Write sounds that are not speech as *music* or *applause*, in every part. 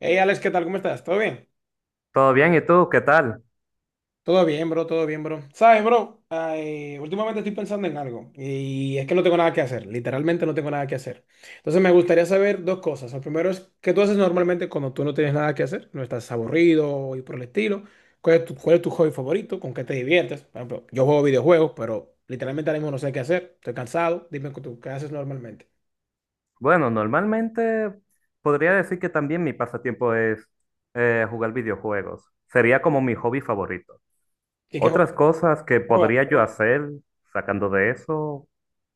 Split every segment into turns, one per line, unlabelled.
Hey Alex, ¿qué tal? ¿Cómo estás? ¿Todo bien?
Todo bien, ¿y tú qué tal?
Todo bien, bro, todo bien, bro. ¿Sabes, bro? Ay, últimamente estoy pensando en algo y es que no tengo nada que hacer, literalmente no tengo nada que hacer. Entonces me gustaría saber dos cosas. El primero es, ¿qué tú haces normalmente cuando tú no tienes nada que hacer? No estás aburrido y por el estilo. ¿Cuál es tu hobby favorito? ¿Con qué te diviertes? Por ejemplo, yo juego videojuegos, pero literalmente ahora mismo no sé qué hacer. Estoy cansado. Dime tú, ¿qué haces normalmente?
Bueno, normalmente podría decir que también mi pasatiempo es jugar videojuegos. Sería como mi hobby favorito.
¿Y qué juegas?
Otras cosas que
¿Qué juegas? ¿Qué
podría yo
juegas?
hacer sacando de eso,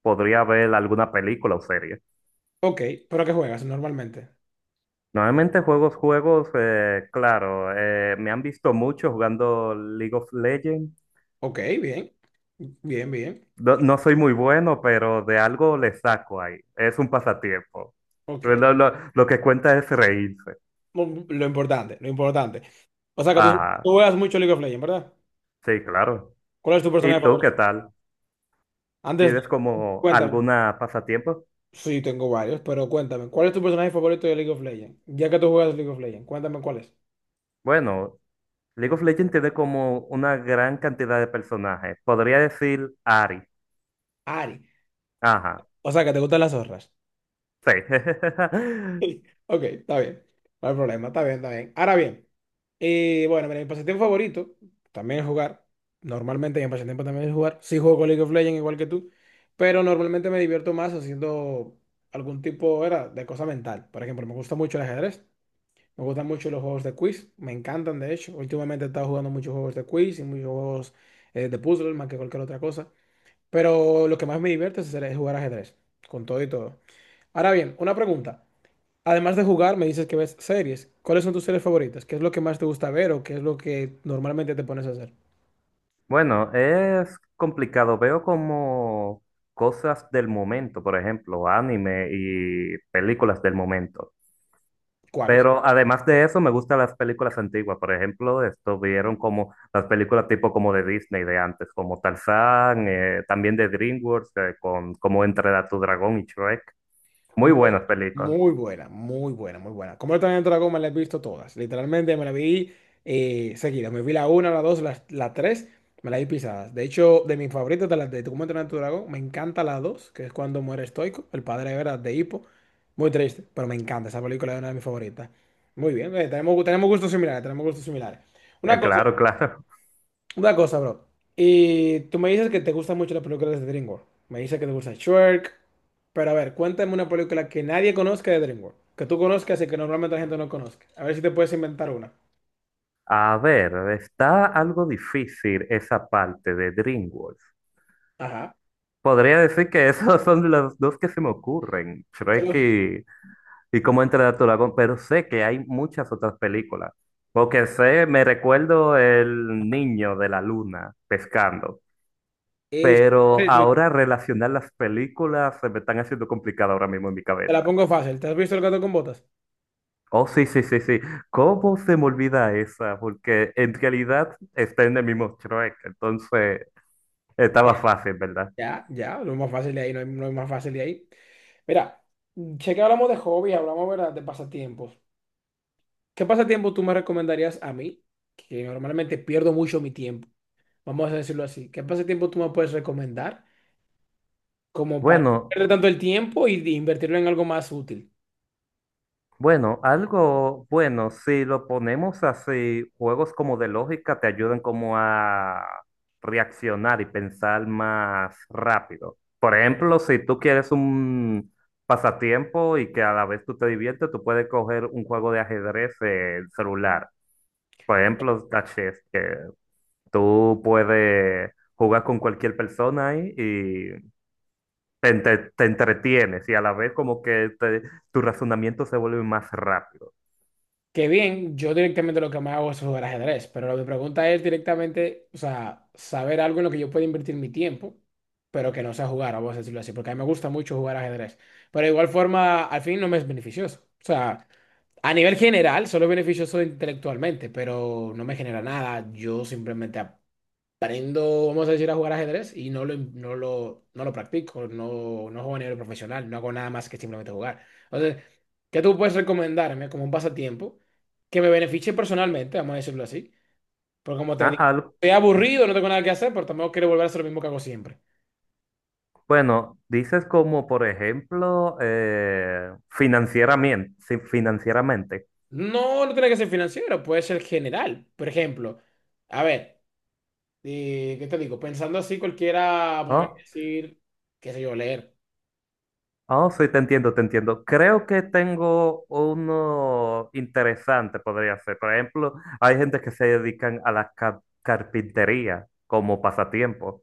podría ver alguna película o serie.
Ok, ¿pero qué juegas normalmente?
Normalmente juegos, claro, me han visto mucho jugando League of Legends.
Ok, bien, bien, bien.
No, no soy muy bueno, pero de algo le saco ahí. Es un pasatiempo.
Ok.
Lo que cuenta es reírse.
Lo importante, lo importante. O sea que tú,
Ajá.
tú juegas mucho League of Legends, ¿verdad?
Sí, claro.
¿Cuál es tu
¿Y
personaje
tú qué
favorito?
tal?
Antes, de-
¿Tienes como
Cuéntame.
alguna pasatiempo?
Sí, tengo varios, pero cuéntame. ¿Cuál es tu personaje favorito de League of Legends? Ya que tú juegas League of Legends, cuéntame cuál es.
Bueno, League of Legends tiene como una gran cantidad de personajes. Podría decir Ari.
Ari.
Ajá,
O sea que te gustan las zorras.
sí. *laughs*
*laughs* Ok, está bien. No hay problema, está bien, está bien. Ahora bien, bueno, mira, mi pasatiempo favorito también es jugar. Normalmente mi pasatiempo también es jugar. Sí juego con League of Legends igual que tú, pero normalmente me divierto más haciendo algún tipo era, de cosa mental. Por ejemplo, me gusta mucho el ajedrez, me gustan mucho los juegos de quiz, me encantan de hecho. Últimamente he estado jugando muchos juegos de quiz y muchos juegos de puzzle más que cualquier otra cosa. Pero lo que más me divierte es es jugar ajedrez, con todo y todo. Ahora bien, una pregunta. Además de jugar, me dices que ves series. ¿Cuáles son tus series favoritas? ¿Qué es lo que más te gusta ver o qué es lo que normalmente te pones a hacer?
Bueno, es complicado. Veo como cosas del momento, por ejemplo, anime y películas del momento.
¿Cuáles?
Pero además de eso, me gustan las películas antiguas. Por ejemplo, esto vieron como las películas tipo como de Disney de antes, como Tarzán, también de DreamWorks, con Cómo entrenar a tu dragón y Shrek. Muy
Muy,
buenas películas.
muy buena, muy buena, muy buena. Como yo también Dragón me la he visto todas. Literalmente me la vi seguida. Me vi la una, la dos, la tres, me la vi pisadas. De hecho, de mis favoritas de las de Cómo entrenar a tu dragón, me encanta la dos, que es cuando muere Stoico, el padre de Vera de Hippo. Muy triste, pero me encanta. Esa película es una de mis favoritas. Muy bien, tenemos, tenemos gustos similares, tenemos gustos similares. Una cosa.
Claro, *laughs* claro.
Una cosa, bro. Y tú me dices que te gustan mucho las películas de DreamWorks. Me dices que te gusta Shrek. Pero a ver, cuéntame una película que nadie conozca de DreamWorks. Que tú conozcas y que normalmente la gente no conozca. A ver si te puedes inventar una.
A ver, está algo difícil esa parte de DreamWorks.
Ajá.
Podría decir que *laughs* esos son los dos que se me ocurren, Shrek
Solo-
y cómo entrenar a tu dragón, pero sé que hay muchas otras películas. Porque sé, me recuerdo el niño de la luna pescando.
Eh,
Pero
sí, sí,
ahora relacionar las películas se me están haciendo complicado ahora mismo en mi
te la
cabeza.
pongo fácil. ¿Te has visto El gato con botas?
Oh, sí, sí, sí, sí. ¿Cómo se me olvida esa? Porque en realidad está en el mismo Shrek. Entonces estaba
Ya,
fácil, ¿verdad?
ya, ya. Lo más fácil de ahí, no hay más fácil de ahí. Mira, sé que hablamos de hobby, hablamos, ¿verdad? De pasatiempos. ¿Qué pasatiempo tú me recomendarías a mí? Que normalmente pierdo mucho mi tiempo. Vamos a decirlo así, ¿qué pasatiempo tú me puedes recomendar como para no
Bueno,
perder tanto el tiempo y de invertirlo en algo más útil?
Bueno, algo bueno, si lo ponemos así, juegos como de lógica te ayudan como a reaccionar y pensar más rápido. Por ejemplo, si tú quieres un pasatiempo y que a la vez tú te diviertes, tú puedes coger un juego de ajedrez en celular. Por ejemplo, está chess, que tú puedes jugar con cualquier persona ahí y te entretienes y a la vez como que tu razonamiento se vuelve más rápido.
Que bien, yo directamente lo que me hago es jugar ajedrez, pero mi pregunta es directamente, o sea, saber algo en lo que yo pueda invertir mi tiempo, pero que no sea jugar, vamos a decirlo así, porque a mí me gusta mucho jugar ajedrez, pero de igual forma, al fin no me es beneficioso. O sea, a nivel general, solo es beneficioso intelectualmente, pero no me genera nada, yo simplemente aprendo, vamos a decir, a jugar ajedrez y no lo practico, no juego a nivel profesional, no hago nada más que simplemente jugar. Entonces, ¿qué tú puedes recomendarme como un pasatiempo que me beneficie personalmente, vamos a decirlo así? Porque como te
Ah,
digo,
al-
estoy aburrido, no tengo nada que hacer, pero tampoco quiero volver a hacer lo mismo que hago siempre.
bueno, dices como, por ejemplo, financieramente, sí, financieramente.
No, no tiene que ser financiero, puede ser general. Por ejemplo, a ver, ¿qué te digo? Pensando así, cualquiera podría
Oh,
decir, qué sé yo, leer.
oh, sí, te entiendo, te entiendo. Creo que tengo uno interesante, podría ser. Por ejemplo, hay gente que se dedican a la carpintería como pasatiempo.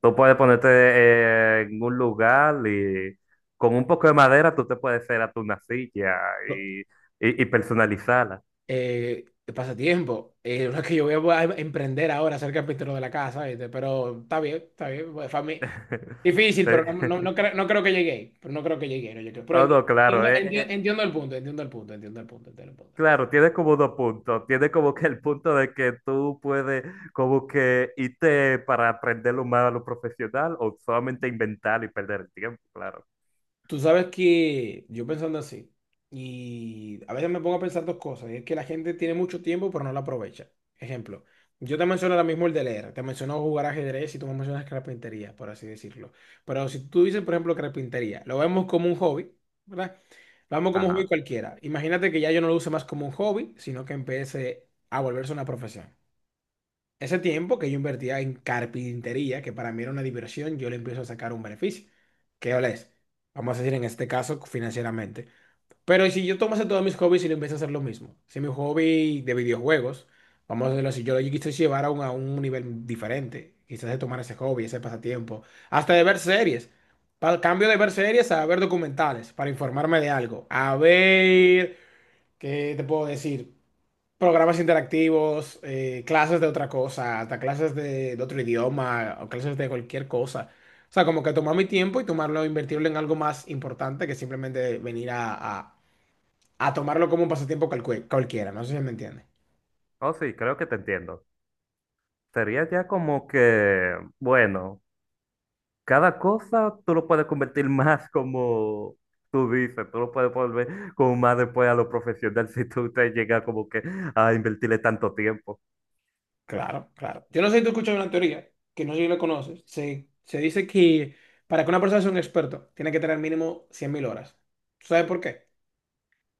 Tú puedes ponerte en un lugar y con un poco de madera tú te puedes hacer hasta una silla y, y y personalizarla.
Eh, pasatiempo. *laughs* Uno que yo voy a emprender ahora, ser carpintero de la casa, ¿viste? Pero está bien, está bien.
*laughs*
Difícil,
Eh,
pero no, no, no, no creo que llegue. Pero no creo que llegue. No llegué. Pero
No, no, claro,
entiendo,
eh,
entiendo,
eh,
entiendo el punto, entiendo el punto, entiendo el punto, entiendo el punto.
claro, tiene como dos puntos. Tiene como que el punto de que tú puedes como que irte para aprender lo más a lo profesional o solamente inventar y perder el tiempo, claro.
Tú sabes que yo pensando así, y a veces me pongo a pensar dos cosas, y es que la gente tiene mucho tiempo pero no lo aprovecha. Ejemplo, yo te menciono ahora mismo el de leer, te menciono jugar ajedrez y tú me mencionas carpintería, por así decirlo. Pero si tú dices, por ejemplo, carpintería, lo vemos como un hobby, ¿verdad? Lo vemos como un hobby
Ajá.
cualquiera. Imagínate que ya yo no lo use más como un hobby, sino que empiece a volverse una profesión. Ese tiempo que yo invertía en carpintería, que para mí era una diversión, yo le empiezo a sacar un beneficio. ¿Qué ole es? Vamos a decir en este caso financieramente. Pero si yo tomase todos mis hobbies y le empiezo a hacer lo mismo, si mi hobby de videojuegos, vamos a decirlo así, yo lo quise llevar a un nivel diferente, quizás de tomar ese hobby, ese pasatiempo, hasta de ver series. Para el cambio de ver series a ver documentales, para informarme de algo. A ver, ¿qué te puedo decir? Programas interactivos, clases de otra cosa, hasta clases de otro idioma o clases de cualquier cosa. O sea, como que tomar mi tiempo y tomarlo, invertirlo en algo más importante que simplemente venir a tomarlo como un pasatiempo cualquiera. No sé si me entiende.
Oh, sí, creo que te entiendo. Sería ya como que, bueno, cada cosa tú lo puedes convertir *laughs* más como tú dices, tú lo puedes volver como más después a lo profesional *laughs* si tú te llegas como que a invertirle tanto tiempo.
Claro, claro. Yo no sé si tú escuchas una teoría, que no sé si la conoces. Se dice que para que una persona sea un experto, tiene que tener mínimo 100.000 horas. ¿Sabes por qué?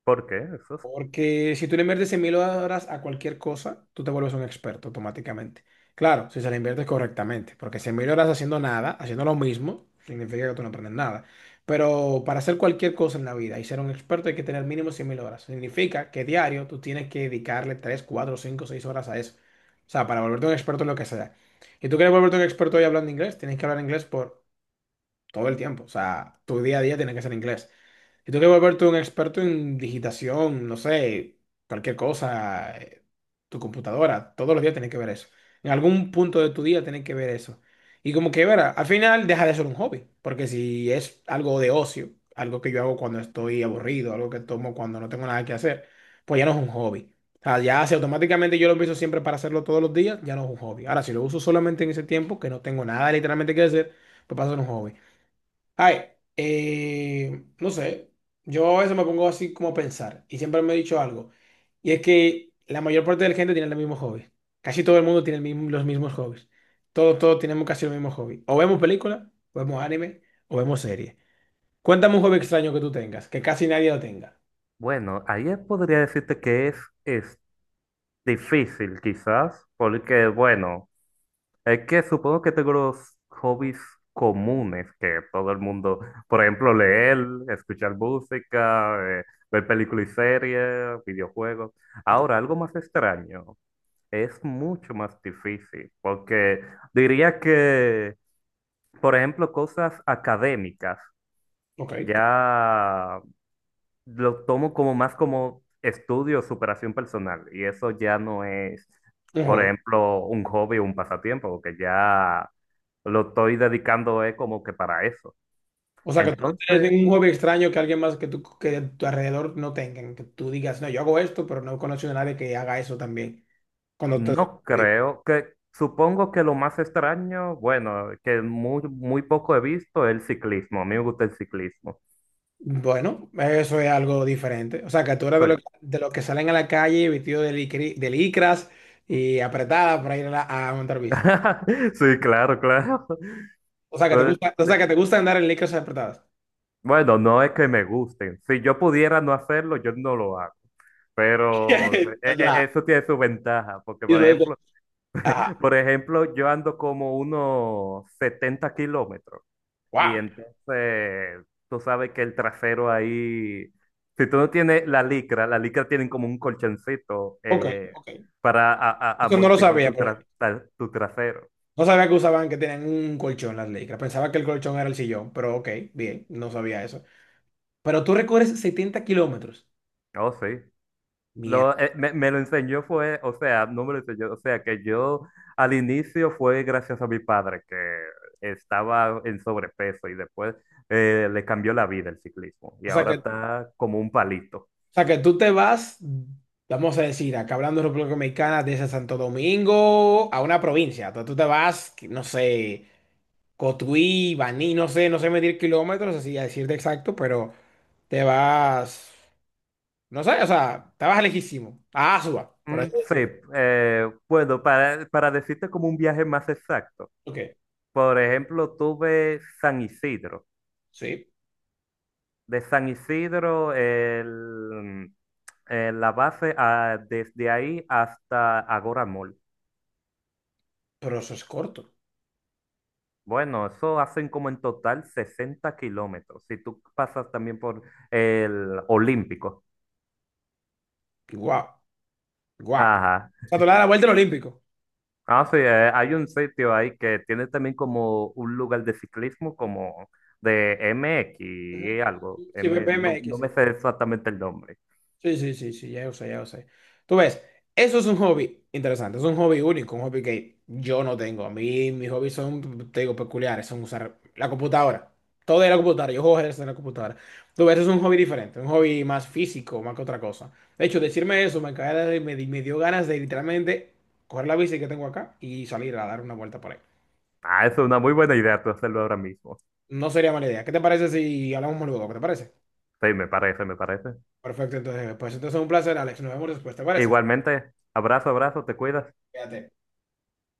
¿Por qué? Eso
Porque si tú le inviertes 100 mil horas a cualquier cosa, tú te vuelves un experto automáticamente. Claro, si se le inviertes correctamente, porque 100 mil horas haciendo nada, haciendo lo mismo, significa que tú no aprendes nada. Pero para hacer cualquier cosa en la vida y ser un experto hay que tener mínimo 100 mil horas. Significa que diario tú tienes que dedicarle 3, 4, 5, 6 horas a eso. O sea, para volverte un experto en lo que sea. Y tú quieres volverte un experto hoy hablando inglés, tienes que hablar inglés por todo el tiempo. O sea, tu día a día tiene que ser inglés. Y tú que volverte un experto en digitación, no sé, cualquier cosa, tu computadora, todos los días tienes que ver eso. En algún punto de tu día tienes que ver eso. Y como que, verá, al final deja de ser un hobby, porque si es algo de ocio, algo que yo hago cuando estoy aburrido, algo que tomo cuando no tengo nada que hacer, pues ya no es un hobby. O sea, ya si automáticamente yo lo empiezo siempre para hacerlo todos los días, ya no es un hobby. Ahora, si lo uso solamente en ese tiempo, que no tengo nada literalmente que hacer, pues pasa a ser un hobby. Ay, no sé, yo a veces me pongo así como a pensar y siempre me he dicho algo, y es que la mayor parte de la gente tiene el mismo hobby. Casi todo el mundo tiene los mismos hobbies. Todos, todos tenemos casi el mismo hobby. O vemos películas, o vemos anime, o vemos series. Cuéntame un hobby extraño que tú tengas, que casi nadie lo tenga.
bueno, ahí podría decirte que es difícil quizás, porque bueno, es que supongo que tengo los hobbies comunes que todo el mundo, por ejemplo, leer, escuchar música, ver películas y series, videojuegos. Ahora, algo más extraño, es mucho más difícil, porque diría que, por ejemplo, cosas académicas,
Ok,
ya lo tomo como más como estudio, superación personal, y eso ya no es,
un
por
hobby.
ejemplo, un hobby o un pasatiempo, porque ya lo estoy dedicando es como que para eso.
O sea, que tú no tienes
Entonces,
ningún hobby extraño que alguien más que tú, que a tu alrededor no tengan, que tú digas, no, yo hago esto, pero no conozco a nadie que haga eso también. Cuando te.
no creo que, supongo que lo más extraño, bueno, que muy, muy poco he visto, es el ciclismo. A mí me gusta el ciclismo.
Bueno, eso es algo diferente. O sea, que tú eres de, lo-
Sí,
de los que salen a la calle vestidos de licras y apretadas para ir a montar bici.
*laughs* sí, claro, claro. *laughs*
O sea, que te
Eh,
gusta, o sea,
de-
que te gusta andar en licras apretadas.
Bueno, no es que me gusten. Si yo pudiera no hacerlo, yo no lo hago. Pero
*laughs* Ya.
eso tiene su ventaja, porque
Y eso es Ajá.
por ejemplo, yo ando como unos 70 kilómetros y
Wow.
entonces tú sabes que el trasero ahí, si tú no tienes la licra tienen como un colchoncito
Ok, ok.
para
Eso no lo
amortiguar
sabía, por ejemplo.
tu trasero.
No sabía que usaban que tenían un colchón las licras. Pensaba que el colchón era el sillón, pero ok, bien, no sabía eso. Pero tú recorres 70 kilómetros.
Oh, sí.
Mierda.
Me lo enseñó fue, o sea, no me lo enseñó, o sea, que yo al inicio fue gracias a mi padre que estaba en sobrepeso y después le cambió la vida el ciclismo y
O sea,
ahora
que
está como un palito.
o sea, que tú te vas, vamos a decir, acá hablando de República Dominicana, desde Santo Domingo a una provincia. Entonces tú te vas, que no sé, Cotuí, Baní, no sé medir kilómetros, así a decirte exacto, pero te vas, no sé, o sea, te vas lejísimo, a Asua, por así
Sí,
decirlo.
bueno, para decirte como un viaje más exacto,
Ok,
por ejemplo, tuve San Isidro.
sí,
De San Isidro, la base, ah, desde ahí hasta Agora Mall.
pero eso es corto.
Bueno, eso hacen como en total 60 kilómetros. Si tú pasas también por el Olímpico.
Guau, guau.
Ajá.
O sea, tú le das la vuelta al Olímpico.
Ah, sí, hay un sitio ahí que tiene también como un lugar de ciclismo, como de MX
Ujú.
y algo.
Sí,
No,
BMX,
no me
sí.
sé exactamente el nombre.
Sí, sí, sí, sí, ya lo sé, ya lo sé. Tú ves, eso es un hobby interesante, es un hobby único, un hobby que yo no tengo. A mí mis hobbies son, te digo, peculiares, son usar la computadora. Todo es la computadora, yo juego ajedrez en la computadora. Tú ves, es un hobby diferente, un hobby más físico, más que otra cosa. De hecho, decirme eso me, cae- de- me, di- me dio ganas de literalmente coger la bici que tengo acá y salir a dar una vuelta por ahí.
Ah, es una muy buena idea tú hacerlo ahora mismo.
No sería mala idea. ¿Qué te parece si hablamos luego? ¿Qué te parece?
Sí, me parece, me parece.
Perfecto, pues entonces un placer, Alex. Nos vemos después, ¿te parece?
Igualmente, abrazo, abrazo, te cuidas.
Cuídate.